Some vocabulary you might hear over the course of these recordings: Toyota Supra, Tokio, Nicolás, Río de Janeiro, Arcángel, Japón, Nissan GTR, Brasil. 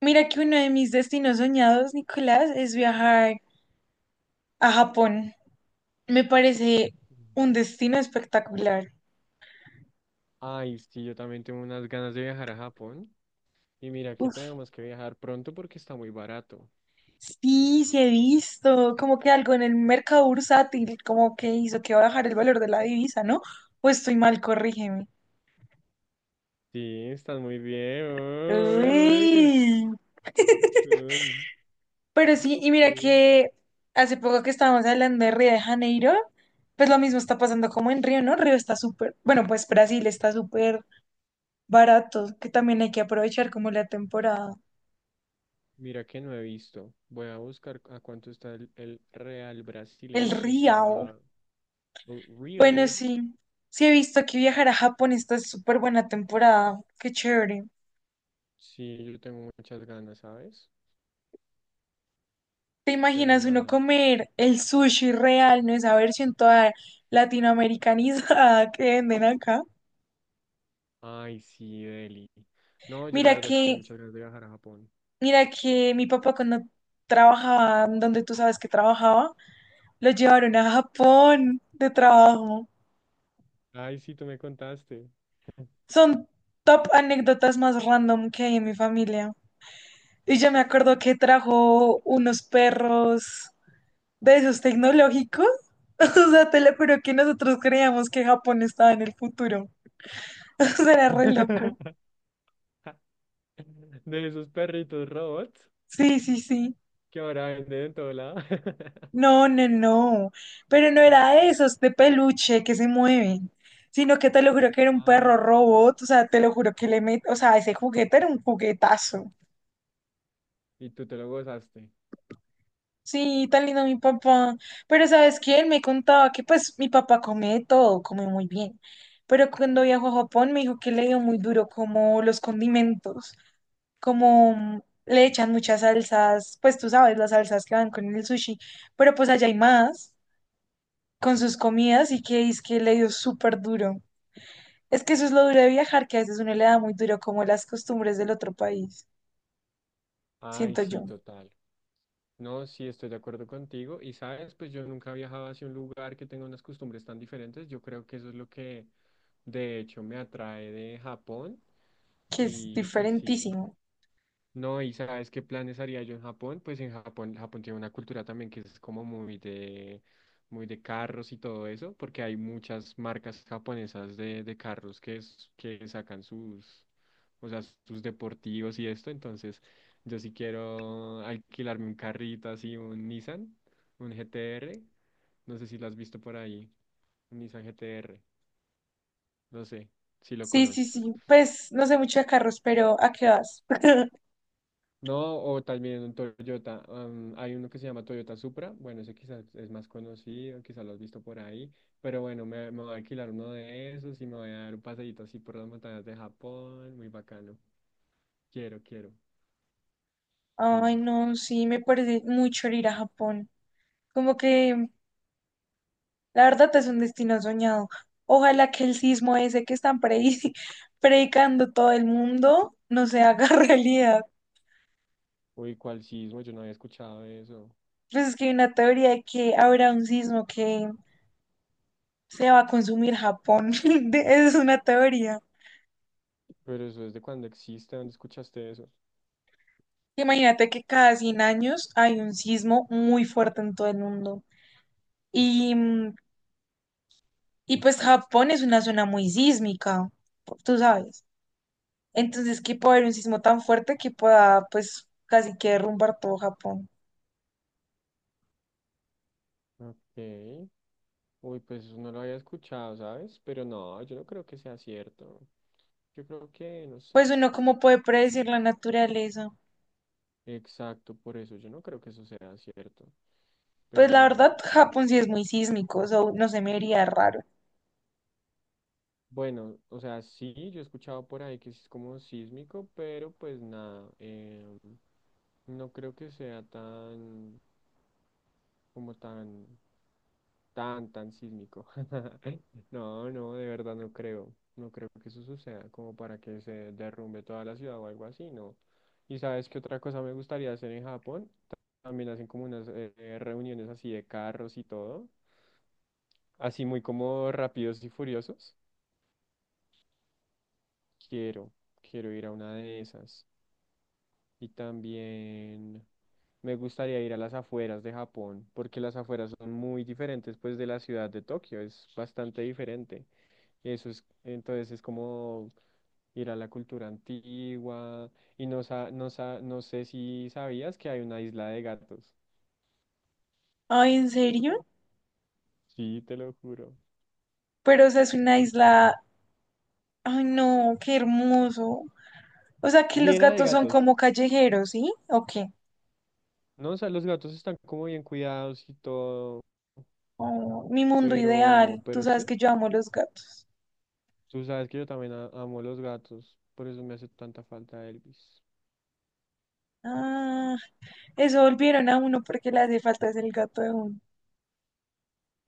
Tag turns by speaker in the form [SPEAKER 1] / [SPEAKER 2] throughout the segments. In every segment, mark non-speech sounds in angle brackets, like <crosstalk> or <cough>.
[SPEAKER 1] Mira que uno de mis destinos soñados, Nicolás, es viajar a Japón. Me parece un destino espectacular.
[SPEAKER 2] Ay, sí, yo también tengo unas ganas de viajar a Japón. Y mira que
[SPEAKER 1] Uf,
[SPEAKER 2] tenemos que viajar pronto porque está muy barato.
[SPEAKER 1] sí, he visto como que algo en el mercado bursátil, como que hizo que bajar el valor de la divisa, ¿no? Pues estoy mal, corrígeme.
[SPEAKER 2] Sí, están muy bien. Ay, ay,
[SPEAKER 1] Uy.
[SPEAKER 2] ay,
[SPEAKER 1] Pero sí, y mira
[SPEAKER 2] sí.
[SPEAKER 1] que hace poco que estábamos hablando de Río de Janeiro, pues lo mismo está pasando como en Río, ¿no? Río está súper, bueno, pues Brasil está súper baratos, que también hay que aprovechar como la temporada.
[SPEAKER 2] Mira que no he visto. Voy a buscar a cuánto está el real
[SPEAKER 1] El
[SPEAKER 2] brasileño y si ha
[SPEAKER 1] Riao.
[SPEAKER 2] bajado. Oh,
[SPEAKER 1] Bueno,
[SPEAKER 2] Real.
[SPEAKER 1] sí, sí he visto que viajar a Japón está súper buena temporada. Qué chévere.
[SPEAKER 2] Sí, yo tengo muchas ganas, ¿sabes?
[SPEAKER 1] ¿Te
[SPEAKER 2] Pero
[SPEAKER 1] imaginas uno
[SPEAKER 2] nada.
[SPEAKER 1] comer el sushi real, no esa versión toda latinoamericanizada <laughs> que venden acá?
[SPEAKER 2] Ay, sí, Deli. No, yo
[SPEAKER 1] Mira
[SPEAKER 2] la verdad sí tengo
[SPEAKER 1] que,
[SPEAKER 2] muchas ganas de viajar a Japón.
[SPEAKER 1] mira que mi papá cuando trabajaba donde tú sabes que trabajaba, lo llevaron a Japón de trabajo.
[SPEAKER 2] Ay, sí, tú me contaste.
[SPEAKER 1] Son top anécdotas más random que hay en mi familia. Y yo me acuerdo que trajo unos perros de esos tecnológicos. <laughs> O sea, te lo juro que nosotros creíamos que Japón estaba en el futuro. <laughs> O sea, era re loco.
[SPEAKER 2] <laughs> <laughs> De esos perritos robots
[SPEAKER 1] Sí, sí, sí.
[SPEAKER 2] que ahora venden en todo lado. <laughs>
[SPEAKER 1] No, no, no. Pero no era de esos de peluche que se mueven, sino que te lo juro que era un perro
[SPEAKER 2] Ah,
[SPEAKER 1] robot. O sea, te lo juro que le met... O sea, ese juguete era un juguetazo.
[SPEAKER 2] y tú te lo gozaste.
[SPEAKER 1] Sí, tan lindo mi papá. Pero ¿sabes qué? Él me contaba que pues mi papá come de todo, come muy bien. Pero cuando viajó a Japón me dijo que le dio muy duro como los condimentos, como le echan muchas salsas, pues tú sabes, las salsas que van con el sushi. Pero pues allá hay más con sus comidas y que es que le dio súper duro. Es que eso es lo duro de viajar, que a veces uno le da muy duro como las costumbres del otro país.
[SPEAKER 2] Ay,
[SPEAKER 1] Siento
[SPEAKER 2] sí,
[SPEAKER 1] yo,
[SPEAKER 2] total. No, sí, estoy de acuerdo contigo. Y sabes, pues yo nunca he viajado hacia un lugar que tenga unas costumbres tan diferentes. Yo creo que eso es lo que de hecho me atrae de Japón.
[SPEAKER 1] que es
[SPEAKER 2] Y sí.
[SPEAKER 1] diferentísimo.
[SPEAKER 2] No, y ¿sabes qué planes haría yo en Japón? Pues en Japón, Japón tiene una cultura también que es como muy de carros y todo eso, porque hay muchas marcas japonesas de carros que sacan sus, o sea, sus deportivos y esto, entonces yo sí quiero alquilarme un carrito así, un Nissan, un GTR, no sé si lo has visto por ahí, un Nissan GTR, no sé si lo
[SPEAKER 1] Sí, sí, sí.
[SPEAKER 2] conoces.
[SPEAKER 1] Pues no sé mucho de carros, pero ¿a qué vas?
[SPEAKER 2] No, o también un Toyota. Hay uno que se llama Toyota Supra. Bueno, ese quizás es más conocido, quizás lo has visto por ahí. Pero bueno, me voy a alquilar uno de esos y me voy a dar un paseíto así por las montañas de Japón. Muy bacano. Quiero, quiero.
[SPEAKER 1] Ay,
[SPEAKER 2] Sí.
[SPEAKER 1] no, sí, me parece mucho el ir a Japón. Como que la verdad es un destino soñado. Ojalá que el sismo ese que están <laughs> predicando todo el mundo no se haga <laughs> realidad.
[SPEAKER 2] Uy, ¿cuál sismo? Yo no había escuchado eso.
[SPEAKER 1] Pues es que hay una teoría de que habrá un sismo que se va a consumir Japón. <laughs> Es una teoría.
[SPEAKER 2] Pero eso es de cuando existe. ¿Dónde escuchaste eso?
[SPEAKER 1] Imagínate que cada 100 años hay un sismo muy fuerte en todo el mundo. Y mm, Y pues Japón es una zona muy sísmica, tú sabes. Entonces, que puede haber un sismo tan fuerte que pueda, pues, casi que derrumbar todo Japón.
[SPEAKER 2] Ok. Uy, pues eso no lo había escuchado, ¿sabes? Pero no, yo no creo que sea cierto. Yo creo que, no
[SPEAKER 1] Pues
[SPEAKER 2] sé.
[SPEAKER 1] uno, ¿cómo puede predecir la naturaleza?
[SPEAKER 2] Exacto, por eso yo no creo que eso sea cierto.
[SPEAKER 1] Pues la verdad,
[SPEAKER 2] Pero pues,
[SPEAKER 1] Japón sí es muy sísmico, o sea, no se me haría raro.
[SPEAKER 2] bueno, o sea, sí, yo he escuchado por ahí que es como sísmico, pero pues nada, no creo que sea tan, como tan, tan, tan sísmico. <laughs> No, no, de verdad no creo. No creo que eso suceda como para que se derrumbe toda la ciudad o algo así, no. Y ¿sabes qué otra cosa me gustaría hacer en Japón? También hacen como unas reuniones así de carros y todo. Así muy como Rápidos y Furiosos. Quiero, quiero ir a una de esas. Y también me gustaría ir a las afueras de Japón, porque las afueras son muy diferentes pues de la ciudad de Tokio, es bastante diferente. Eso es, entonces es como ir a la cultura antigua y no sé si sabías que hay una isla de gatos.
[SPEAKER 1] Ay, ¿en serio?
[SPEAKER 2] Sí, te lo juro.
[SPEAKER 1] Pero, o sea, es una isla. Ay, no, qué hermoso. O sea, que los
[SPEAKER 2] Llena de
[SPEAKER 1] gatos son
[SPEAKER 2] gatos.
[SPEAKER 1] como callejeros, ¿sí? ¿O qué?
[SPEAKER 2] No, o sea, los gatos están como bien cuidados y todo.
[SPEAKER 1] Oh, mi mundo ideal. Tú
[SPEAKER 2] Pero
[SPEAKER 1] sabes
[SPEAKER 2] sí,
[SPEAKER 1] que yo amo los gatos.
[SPEAKER 2] tú sabes que yo también amo los gatos, por eso me hace tanta falta Elvis.
[SPEAKER 1] Ah, eso volvieron a uno porque le hace falta es el gato de uno.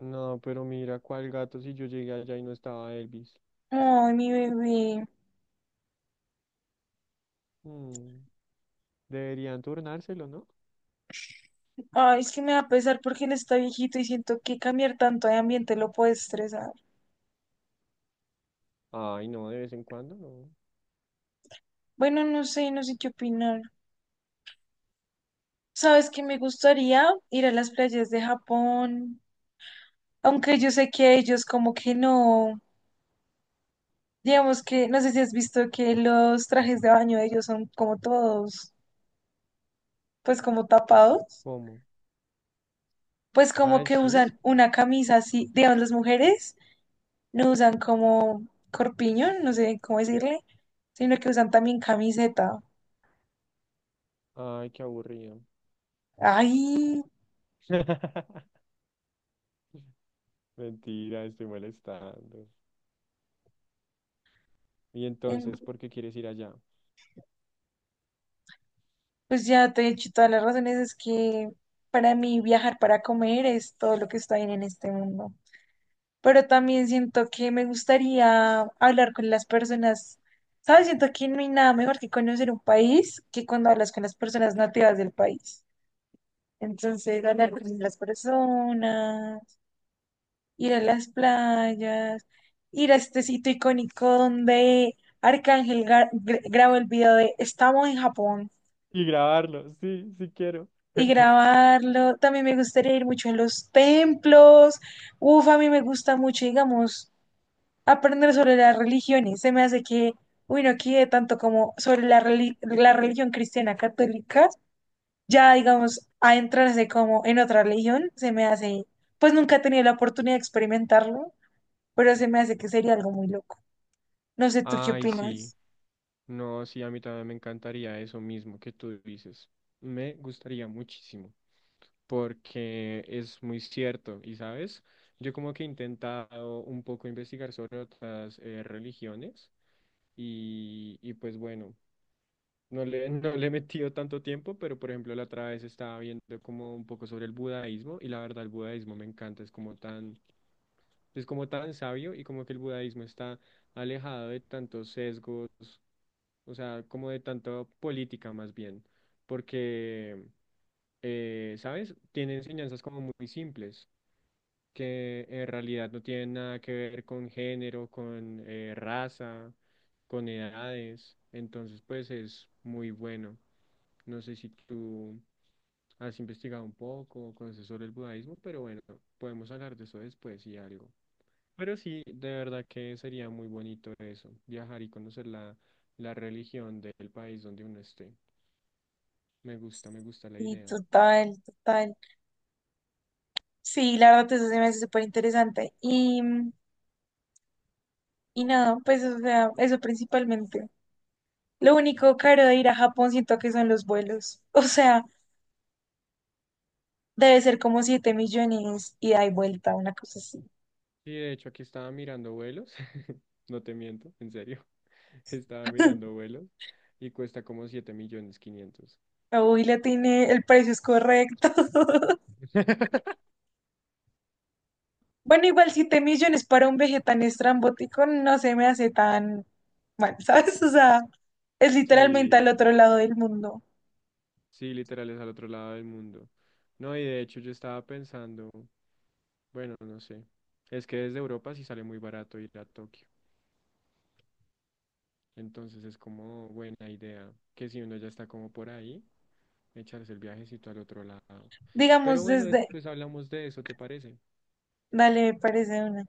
[SPEAKER 2] No, pero mira, ¿cuál gato si yo llegué allá y no estaba Elvis?
[SPEAKER 1] Ay, mi bebé.
[SPEAKER 2] Mm, deberían turnárselo, ¿no?
[SPEAKER 1] Ay, es que me va a pesar porque él está viejito y siento que cambiar tanto de ambiente lo puede estresar.
[SPEAKER 2] Ay, no, de vez en cuando, no.
[SPEAKER 1] Bueno, no sé, no sé qué opinar. ¿Sabes que me gustaría ir a las playas de Japón? Aunque yo sé que ellos como que no. Digamos que, no sé si has visto que los trajes de baño de ellos son como todos, pues como tapados,
[SPEAKER 2] ¿Cómo?
[SPEAKER 1] pues como
[SPEAKER 2] Ay,
[SPEAKER 1] que
[SPEAKER 2] sí.
[SPEAKER 1] usan una camisa así, digamos las mujeres no usan como corpiño, no sé cómo decirle, sino que usan también camiseta.
[SPEAKER 2] Ay, qué aburrido.
[SPEAKER 1] Ay,
[SPEAKER 2] <laughs> Mentira, estoy molestando. Y
[SPEAKER 1] em,
[SPEAKER 2] entonces, ¿por qué quieres ir allá?
[SPEAKER 1] pues ya te he dicho todas las razones, es que para mí viajar para comer es todo lo que está bien en este mundo. Pero también siento que me gustaría hablar con las personas, ¿sabes? Siento que no hay nada mejor que conocer un país que cuando hablas con las personas nativas del país. Entonces, hablar con las personas, ir a las playas, ir a este sitio icónico donde Arcángel grabó el video de Estamos en Japón.
[SPEAKER 2] Y grabarlo, sí, sí quiero.
[SPEAKER 1] Y
[SPEAKER 2] <laughs>
[SPEAKER 1] grabarlo. También me gustaría ir mucho a los templos. Uf, a mí me gusta mucho, digamos, aprender sobre las religiones. Se me hace que, uy, no quiere tanto como sobre la, la religión cristiana católica, ya digamos, adentrarse como en otra religión, se me hace, pues nunca he tenido la oportunidad de experimentarlo, pero se me hace que sería algo muy loco. No sé, ¿tú qué
[SPEAKER 2] Ay, sí.
[SPEAKER 1] opinas?
[SPEAKER 2] No, sí, a mí también me encantaría eso mismo que tú dices. Me gustaría muchísimo, porque es muy cierto. Y sabes, yo como que he intentado un poco investigar sobre otras religiones y pues bueno, <laughs> no le he metido tanto tiempo, pero por ejemplo la otra vez estaba viendo como un poco sobre el budaísmo y la verdad el budaísmo me encanta, es como tan sabio y como que el budaísmo está alejado de tantos sesgos, o sea, como de tanto política más bien, porque, ¿sabes? Tiene enseñanzas como muy simples, que en realidad no tienen nada que ver con género, con raza, con edades, entonces pues es muy bueno. No sé si tú has investigado un poco o conoces sobre el budismo, pero bueno, podemos hablar de eso después y algo. Pero sí, de verdad que sería muy bonito eso, viajar y conocer la, la religión del país donde uno esté. Me gusta la
[SPEAKER 1] Y
[SPEAKER 2] idea.
[SPEAKER 1] total, total. Sí, la verdad, eso se me hace súper interesante. Y nada, pues, o sea, eso principalmente. Lo único caro de ir a Japón siento que son los vuelos. <laughs> O sea, debe ser como 7 millones y da y vuelta, una cosa así.
[SPEAKER 2] Sí, de hecho, aquí estaba mirando vuelos, <laughs> no te miento, en serio, <laughs> estaba mirando
[SPEAKER 1] <laughs>
[SPEAKER 2] vuelos y cuesta como 7.500.000.
[SPEAKER 1] Uy, le tiene, el precio es correcto. <laughs>
[SPEAKER 2] <laughs>
[SPEAKER 1] Bueno, igual 7 millones para un veje tan estrambótico no se me hace tan mal, <laughs> ¿sabes? O sea, es literalmente al
[SPEAKER 2] Sí,
[SPEAKER 1] otro lado del mundo.
[SPEAKER 2] sí, literal es al otro lado del mundo. No, y de hecho yo estaba pensando, bueno, no sé, es que desde Europa sí sale muy barato ir a Tokio. Entonces es como buena idea que si uno ya está como por ahí, echarse el viajecito al otro lado. Pero
[SPEAKER 1] Digamos
[SPEAKER 2] bueno,
[SPEAKER 1] desde,
[SPEAKER 2] después hablamos de eso, ¿te parece?
[SPEAKER 1] dale, me parece una.